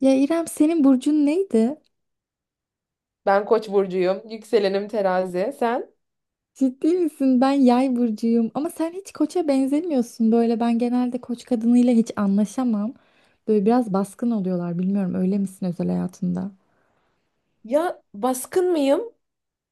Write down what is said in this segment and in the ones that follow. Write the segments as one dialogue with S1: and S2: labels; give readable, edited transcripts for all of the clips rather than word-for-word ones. S1: Ya İrem senin burcun neydi?
S2: Ben Koç burcuyum. Yükselenim terazi. Sen?
S1: Ciddi misin? Ben yay burcuyum. Ama sen hiç koça benzemiyorsun. Böyle ben genelde koç kadınıyla hiç anlaşamam. Böyle biraz baskın oluyorlar. Bilmiyorum öyle misin özel hayatında?
S2: Ya baskın mıyım?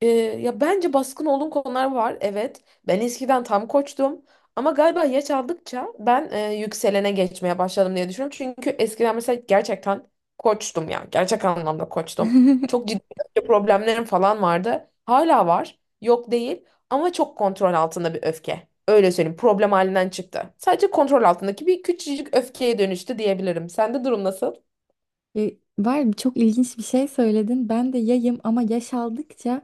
S2: Ya bence baskın olduğum konular var. Evet. Ben eskiden tam koçtum. Ama galiba yaş aldıkça ben yükselene geçmeye başladım diye düşünüyorum. Çünkü eskiden mesela gerçekten koçtum ya. Gerçek anlamda koçtum. Çok ciddi öfke problemlerim falan vardı. Hala var. Yok değil. Ama çok kontrol altında bir öfke. Öyle söyleyeyim. Problem halinden çıktı. Sadece kontrol altındaki bir küçücük öfkeye dönüştü diyebilirim. Sende durum nasıl?
S1: Var çok ilginç bir şey söyledin. Ben de yayım ama yaş aldıkça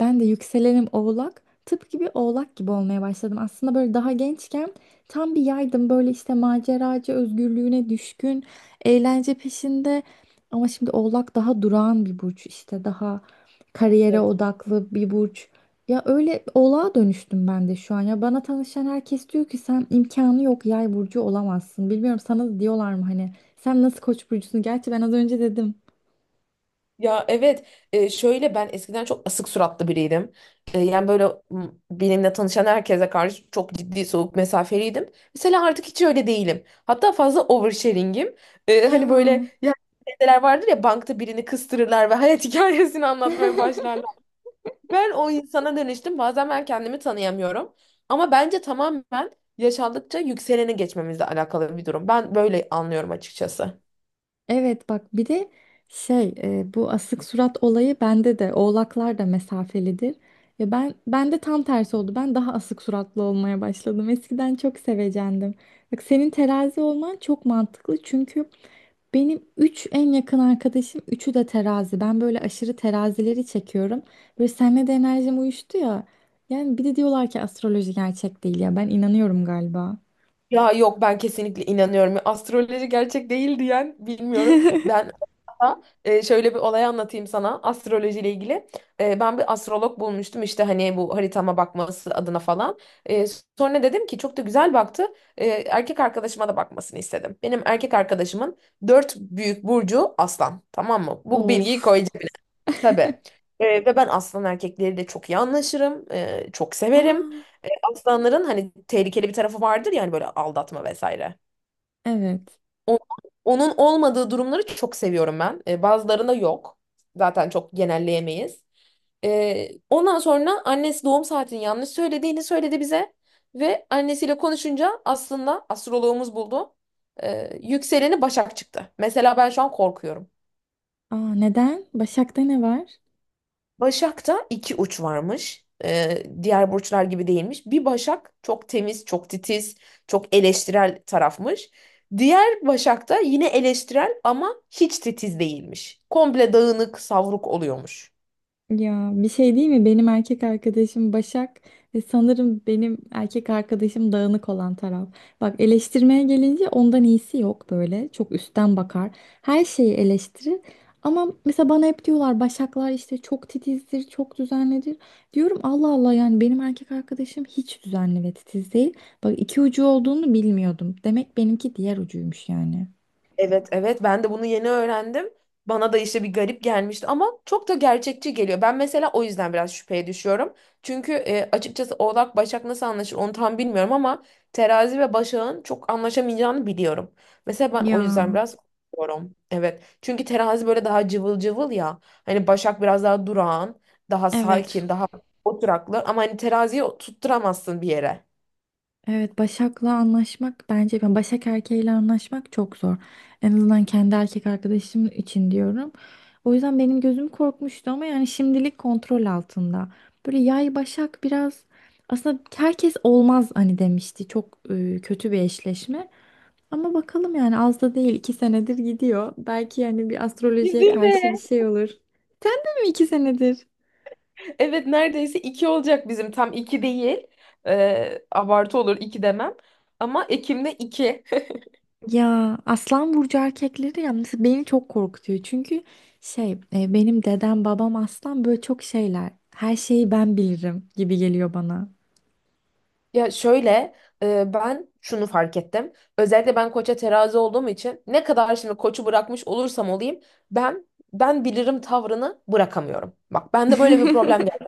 S1: ben de yükselenim oğlak. Tıpkı bir oğlak gibi olmaya başladım. Aslında böyle daha gençken tam bir yaydım. Böyle işte maceracı, özgürlüğüne düşkün, eğlence peşinde. Ama şimdi oğlak daha durağan bir burç. İşte daha kariyere
S2: Evet.
S1: odaklı bir burç. Ya öyle oğlağa dönüştüm ben de şu an. Ya bana tanışan herkes diyor ki sen imkanı yok yay burcu olamazsın. Bilmiyorum sana da diyorlar mı hani sen nasıl koç burcusun? Gerçi ben az önce dedim.
S2: Ya evet, şöyle ben eskiden çok asık suratlı biriydim. Yani böyle, benimle tanışan herkese karşı çok ciddi soğuk mesafeliydim. Mesela artık hiç öyle değilim. Hatta fazla oversharing'im.
S1: Ya.
S2: Hani böyle ya, şeyler vardır ya, bankta birini kıstırırlar ve hayat hikayesini anlatmaya başlarlar. Ben o insana dönüştüm. Bazen ben kendimi tanıyamıyorum. Ama bence tamamen yaşandıkça yükseleni geçmemizle alakalı bir durum. Ben böyle anlıyorum açıkçası.
S1: Evet, bak bir de bu asık surat olayı bende de, oğlaklar da mesafelidir. Ve ben de tam tersi oldu. Ben daha asık suratlı olmaya başladım. Eskiden çok sevecendim. Bak senin terazi olman çok mantıklı çünkü benim 3 en yakın arkadaşım üçü de terazi. Ben böyle aşırı terazileri çekiyorum. Böyle seninle de enerjim uyuştu ya. Yani bir de diyorlar ki astroloji gerçek değil ya. Ben inanıyorum galiba.
S2: Ya yok, ben kesinlikle inanıyorum. Astroloji gerçek değil diyen bilmiyorum. Ben hatta, şöyle bir olay anlatayım sana astrolojiyle ilgili. Ben bir astrolog bulmuştum işte hani bu haritama bakması adına falan. E, Sonra dedim ki çok da güzel baktı. Erkek arkadaşıma da bakmasını istedim. Benim erkek arkadaşımın dört büyük burcu aslan. Tamam mı? Bu bilgiyi
S1: Of.
S2: koyacağım. Tabii. Ve ben aslan erkekleri de çok iyi anlaşırım. Çok severim.
S1: Aa,
S2: Ee, Aslanların hani tehlikeli bir tarafı vardır, yani böyle aldatma vesaire.
S1: evet.
S2: O- Onun olmadığı durumları çok seviyorum ben. Bazılarında yok. Zaten çok genelleyemeyiz. Ondan sonra annesi doğum saatini yanlış söylediğini söyledi bize. Ve annesiyle konuşunca aslında astroloğumuz buldu. Yükseleni Başak çıktı. Mesela ben şu an korkuyorum.
S1: Aa, neden? Başak'ta ne var?
S2: Başak'ta iki uç varmış. Diğer burçlar gibi değilmiş. Bir Başak çok temiz, çok titiz, çok eleştirel tarafmış. Diğer Başak'ta yine eleştirel ama hiç titiz değilmiş. Komple dağınık, savruk oluyormuş.
S1: Ya bir şey değil mi? Benim erkek arkadaşım Başak ve sanırım benim erkek arkadaşım dağınık olan taraf. Bak eleştirmeye gelince ondan iyisi yok böyle. Çok üstten bakar. Her şeyi eleştirir. Ama mesela bana hep diyorlar Başaklar işte çok titizdir, çok düzenlidir. Diyorum Allah Allah, yani benim erkek arkadaşım hiç düzenli ve titiz değil. Bak iki ucu olduğunu bilmiyordum. Demek benimki diğer ucuymuş yani.
S2: Evet, evet, ben de bunu yeni öğrendim. Bana da işte bir garip gelmişti ama çok da gerçekçi geliyor. Ben mesela o yüzden biraz şüpheye düşüyorum. Çünkü açıkçası Oğlak Başak nasıl anlaşır onu tam bilmiyorum ama Terazi ve Başak'ın çok anlaşamayacağını biliyorum. Mesela ben
S1: Ya
S2: o yüzden biraz korkuyorum. Evet. Çünkü Terazi böyle daha cıvıl cıvıl ya. Hani Başak biraz daha durağan. Daha
S1: evet.
S2: sakin, daha oturaklı. Ama hani teraziyi tutturamazsın bir yere.
S1: Evet, Başak'la anlaşmak, bence ben Başak erkeğiyle anlaşmak çok zor. En azından kendi erkek arkadaşım için diyorum. O yüzden benim gözüm korkmuştu ama yani şimdilik kontrol altında. Böyle yay Başak biraz, aslında herkes olmaz hani demişti. Çok kötü bir eşleşme. Ama bakalım, yani az da değil, iki senedir gidiyor. Belki yani bir astrolojiye
S2: Bizim
S1: karşı bir
S2: de.
S1: şey olur. Değil mi? İki senedir.
S2: Evet, neredeyse iki olacak bizim. Tam iki değil. Abartı olur iki demem. Ama Ekim'de iki.
S1: Ya Aslan burcu erkekleri ya mesela beni çok korkutuyor. Çünkü benim dedem babam aslan, böyle çok şeyler. Her şeyi ben bilirim gibi geliyor bana.
S2: Ya şöyle, ben şunu fark ettim. Özellikle ben koça terazi olduğum için, ne kadar şimdi koçu bırakmış olursam olayım, ben ben bilirim tavrını bırakamıyorum. Bak bende böyle bir problem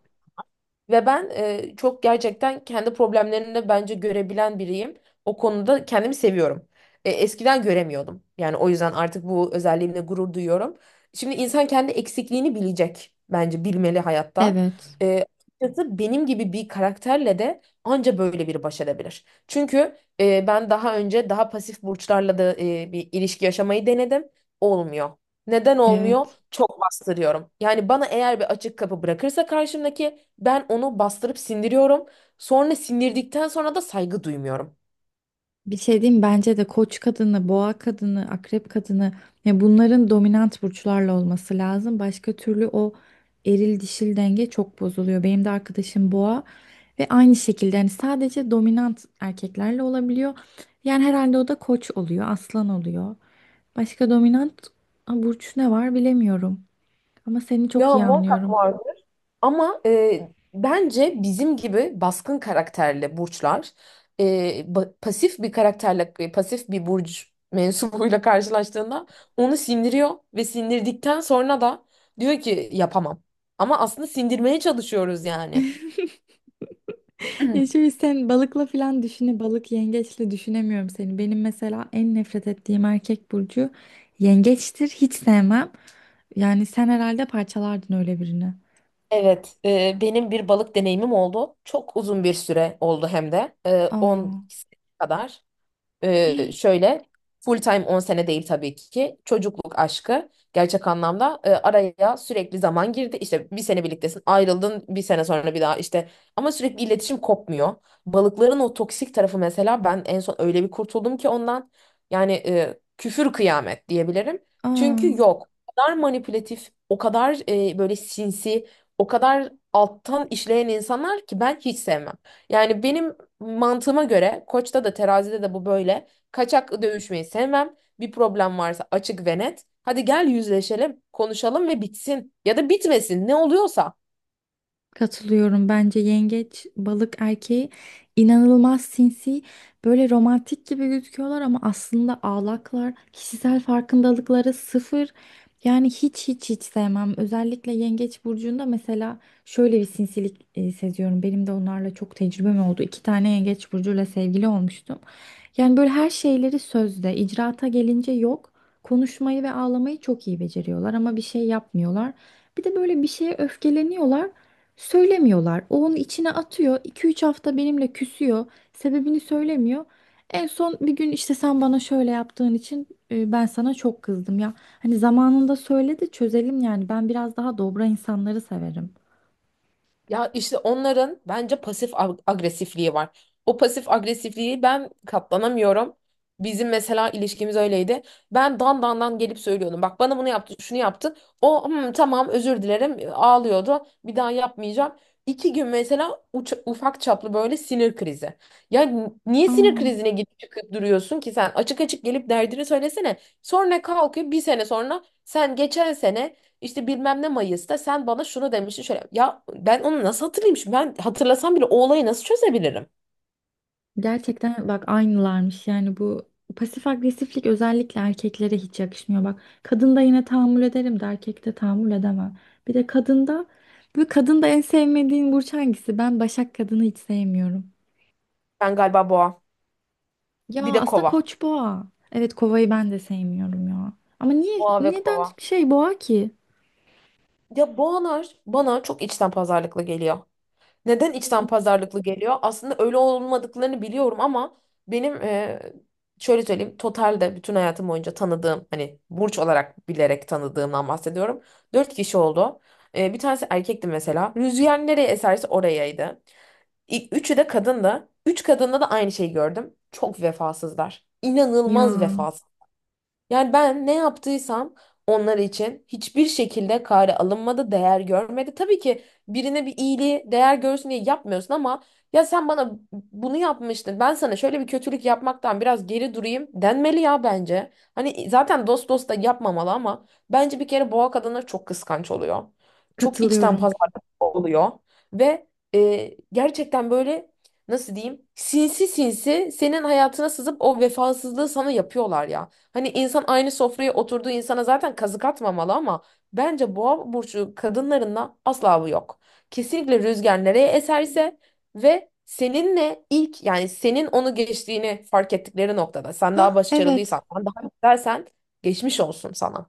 S2: ve ben, çok gerçekten kendi problemlerini de bence görebilen biriyim. O konuda kendimi seviyorum. Eskiden göremiyordum. Yani o yüzden artık bu özelliğimle gurur duyuyorum. Şimdi insan kendi eksikliğini bilecek, bence bilmeli hayatta.
S1: Evet,
S2: E, Açıkçası benim gibi bir karakterle de anca böyle biri baş edebilir. Çünkü ben daha önce daha pasif burçlarla da bir ilişki yaşamayı denedim. Olmuyor. Neden olmuyor?
S1: evet.
S2: Çok bastırıyorum. Yani bana eğer bir açık kapı bırakırsa karşımdaki, ben onu bastırıp sindiriyorum. Sonra sindirdikten sonra da saygı duymuyorum.
S1: Bir şey diyeyim, bence de koç kadını, boğa kadını, akrep kadını, ya bunların dominant burçlarla olması lazım. Başka türlü o eril dişil denge çok bozuluyor. Benim de arkadaşım boğa ve aynı şekilde yani sadece dominant erkeklerle olabiliyor. Yani herhalde o da koç oluyor, aslan oluyor. Başka dominant, ha, burç ne var bilemiyorum. Ama seni çok
S2: Ya
S1: iyi
S2: muhakkak
S1: anlıyorum.
S2: vardı. Ama bence bizim gibi baskın karakterli burçlar, e, pasif bir karakterle, pasif bir burç mensubuyla karşılaştığında onu sindiriyor ve sindirdikten sonra da diyor ki yapamam. Ama aslında sindirmeye çalışıyoruz yani.
S1: Ya şimdi sen balıkla falan düşüne balık yengeçle düşünemiyorum seni. Benim mesela en nefret ettiğim erkek burcu yengeçtir. Hiç sevmem. Yani sen herhalde parçalardın öyle birini.
S2: Evet, benim bir balık deneyimim oldu. Çok uzun bir süre oldu hem de. 10
S1: Aa.
S2: sene kadar.
S1: Hii.
S2: Şöyle, full time 10 sene değil tabii ki. Çocukluk aşkı gerçek anlamda, araya sürekli zaman girdi. İşte bir sene birliktesin, ayrıldın, bir sene sonra bir daha işte, ama sürekli iletişim kopmuyor. Balıkların o toksik tarafı mesela, ben en son öyle bir kurtuldum ki ondan, yani küfür kıyamet diyebilirim.
S1: Aa.
S2: Çünkü yok. O kadar manipülatif, o kadar böyle sinsi, o kadar alttan işleyen insanlar ki ben hiç sevmem. Yani benim mantığıma göre Koç'ta da terazide de bu böyle. Kaçak dövüşmeyi sevmem. Bir problem varsa açık ve net. Hadi gel yüzleşelim, konuşalım ve bitsin. Ya da bitmesin, ne oluyorsa.
S1: Katılıyorum. Bence yengeç, balık erkeği inanılmaz sinsi, böyle romantik gibi gözüküyorlar ama aslında ağlaklar, kişisel farkındalıkları sıfır. Yani hiç hiç hiç sevmem. Özellikle yengeç burcunda mesela şöyle bir sinsilik seziyorum. Benim de onlarla çok tecrübem oldu. İki tane yengeç burcuyla sevgili olmuştum. Yani böyle her şeyleri sözde, icraata gelince yok. Konuşmayı ve ağlamayı çok iyi beceriyorlar ama bir şey yapmıyorlar. Bir de böyle bir şeye öfkeleniyorlar. Söylemiyorlar. O onu içine atıyor. İki üç hafta benimle küsüyor. Sebebini söylemiyor. En son bir gün işte sen bana şöyle yaptığın için ben sana çok kızdım ya. Hani zamanında söyle de çözelim yani. Ben biraz daha dobra insanları severim.
S2: Ya işte onların bence pasif agresifliği var. O pasif agresifliği ben katlanamıyorum. Bizim mesela ilişkimiz öyleydi. Ben dan dan dan gelip söylüyordum. Bak bana bunu yaptı, şunu yaptı. O, "Hmm, tamam, özür dilerim," ağlıyordu. Bir daha yapmayacağım. İki gün mesela, ufak çaplı böyle sinir krizi. Ya niye sinir
S1: Aa,
S2: krizine gidip çıkıp duruyorsun ki sen? Açık açık gelip derdini söylesene. Sonra kalkıyor bir sene sonra, sen geçen sene işte bilmem ne Mayıs'ta sen bana şunu demiştin şöyle. Ya ben onu nasıl hatırlayayım şimdi? Ben hatırlasam bile o olayı nasıl çözebilirim?
S1: gerçekten bak aynılarmış. Yani bu pasif agresiflik özellikle erkeklere hiç yakışmıyor. Bak kadında yine tahammül ederim de erkekte tahammül edemem. Bir de kadında, bu kadında en sevmediğin burç hangisi? Ben başak kadını hiç sevmiyorum.
S2: Ben galiba boğa.
S1: Ya
S2: Bir de
S1: aslında
S2: kova.
S1: koç boğa. Evet kovayı ben de sevmiyorum ya. Ama niye,
S2: Boğa ve
S1: neden
S2: kova.
S1: şey boğa ki?
S2: Ya boğalar bana çok içten pazarlıklı geliyor. Neden içten pazarlıklı geliyor? Aslında öyle olmadıklarını biliyorum ama benim, şöyle söyleyeyim. Totalde bütün hayatım boyunca tanıdığım, hani burç olarak bilerek tanıdığımdan bahsediyorum. Dört kişi oldu. Bir tanesi erkekti mesela. Rüzgar nereye eserse orayaydı. Üçü de kadındı. Üç kadında da aynı şeyi gördüm. Çok vefasızlar. İnanılmaz
S1: Ya
S2: vefasız. Yani ben ne yaptıysam onlar için hiçbir şekilde kare alınmadı, değer görmedi. Tabii ki birine bir iyiliği değer görsün diye yapmıyorsun ama, ya sen bana bunu yapmıştın, ben sana şöyle bir kötülük yapmaktan biraz geri durayım denmeli ya bence. Hani zaten dost dost da yapmamalı, ama bence bir kere boğa kadınlar çok kıskanç oluyor. Çok içten
S1: katılıyorum.
S2: pazarlık oluyor ve, gerçekten böyle, nasıl diyeyim, sinsi sinsi senin hayatına sızıp o vefasızlığı sana yapıyorlar ya. Hani insan aynı sofraya oturduğu insana zaten kazık atmamalı, ama bence boğa burcu kadınlarında asla bu yok. Kesinlikle rüzgar nereye eserse, ve seninle ilk, yani senin onu geçtiğini fark ettikleri noktada, sen daha
S1: Ha
S2: başarılıysan,
S1: evet.
S2: sen daha güzelsen, geçmiş olsun sana.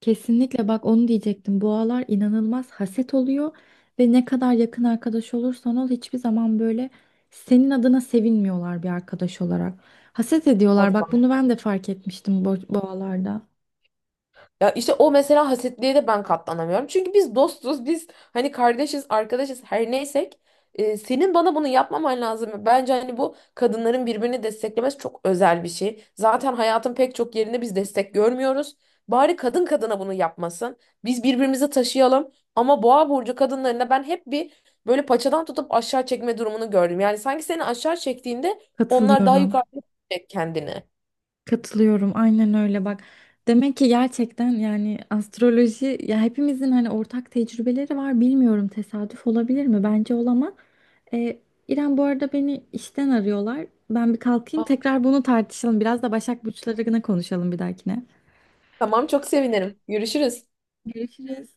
S1: Kesinlikle, bak onu diyecektim. Boğalar inanılmaz haset oluyor ve ne kadar yakın arkadaş olursan ol hiçbir zaman böyle senin adına sevinmiyorlar bir arkadaş olarak. Haset ediyorlar. Bak
S2: Asla.
S1: bunu ben de fark etmiştim boğalarda.
S2: Ya işte o mesela, hasetliğe de ben katlanamıyorum. Çünkü biz dostuz, biz hani kardeşiz, arkadaşız, her neysek. Senin bana bunu yapmaman lazım. Bence hani bu kadınların birbirini desteklemesi çok özel bir şey. Zaten hayatın pek çok yerinde biz destek görmüyoruz. Bari kadın kadına bunu yapmasın. Biz birbirimizi taşıyalım. Ama boğa burcu kadınlarında ben hep bir, böyle, paçadan tutup aşağı çekme durumunu gördüm. Yani sanki seni aşağı çektiğinde onlar daha
S1: Katılıyorum.
S2: yukarı çekecek kendini.
S1: Katılıyorum aynen öyle bak. Demek ki gerçekten yani astroloji, ya hepimizin hani ortak tecrübeleri var, bilmiyorum tesadüf olabilir mi? Bence olamaz. Ee, İrem bu arada beni işten arıyorlar. Ben bir kalkayım,
S2: Ah,
S1: tekrar bunu tartışalım. Biraz da Başak Burçları'na konuşalım bir dahakine.
S2: tamam, çok sevinirim. Görüşürüz.
S1: Görüşürüz.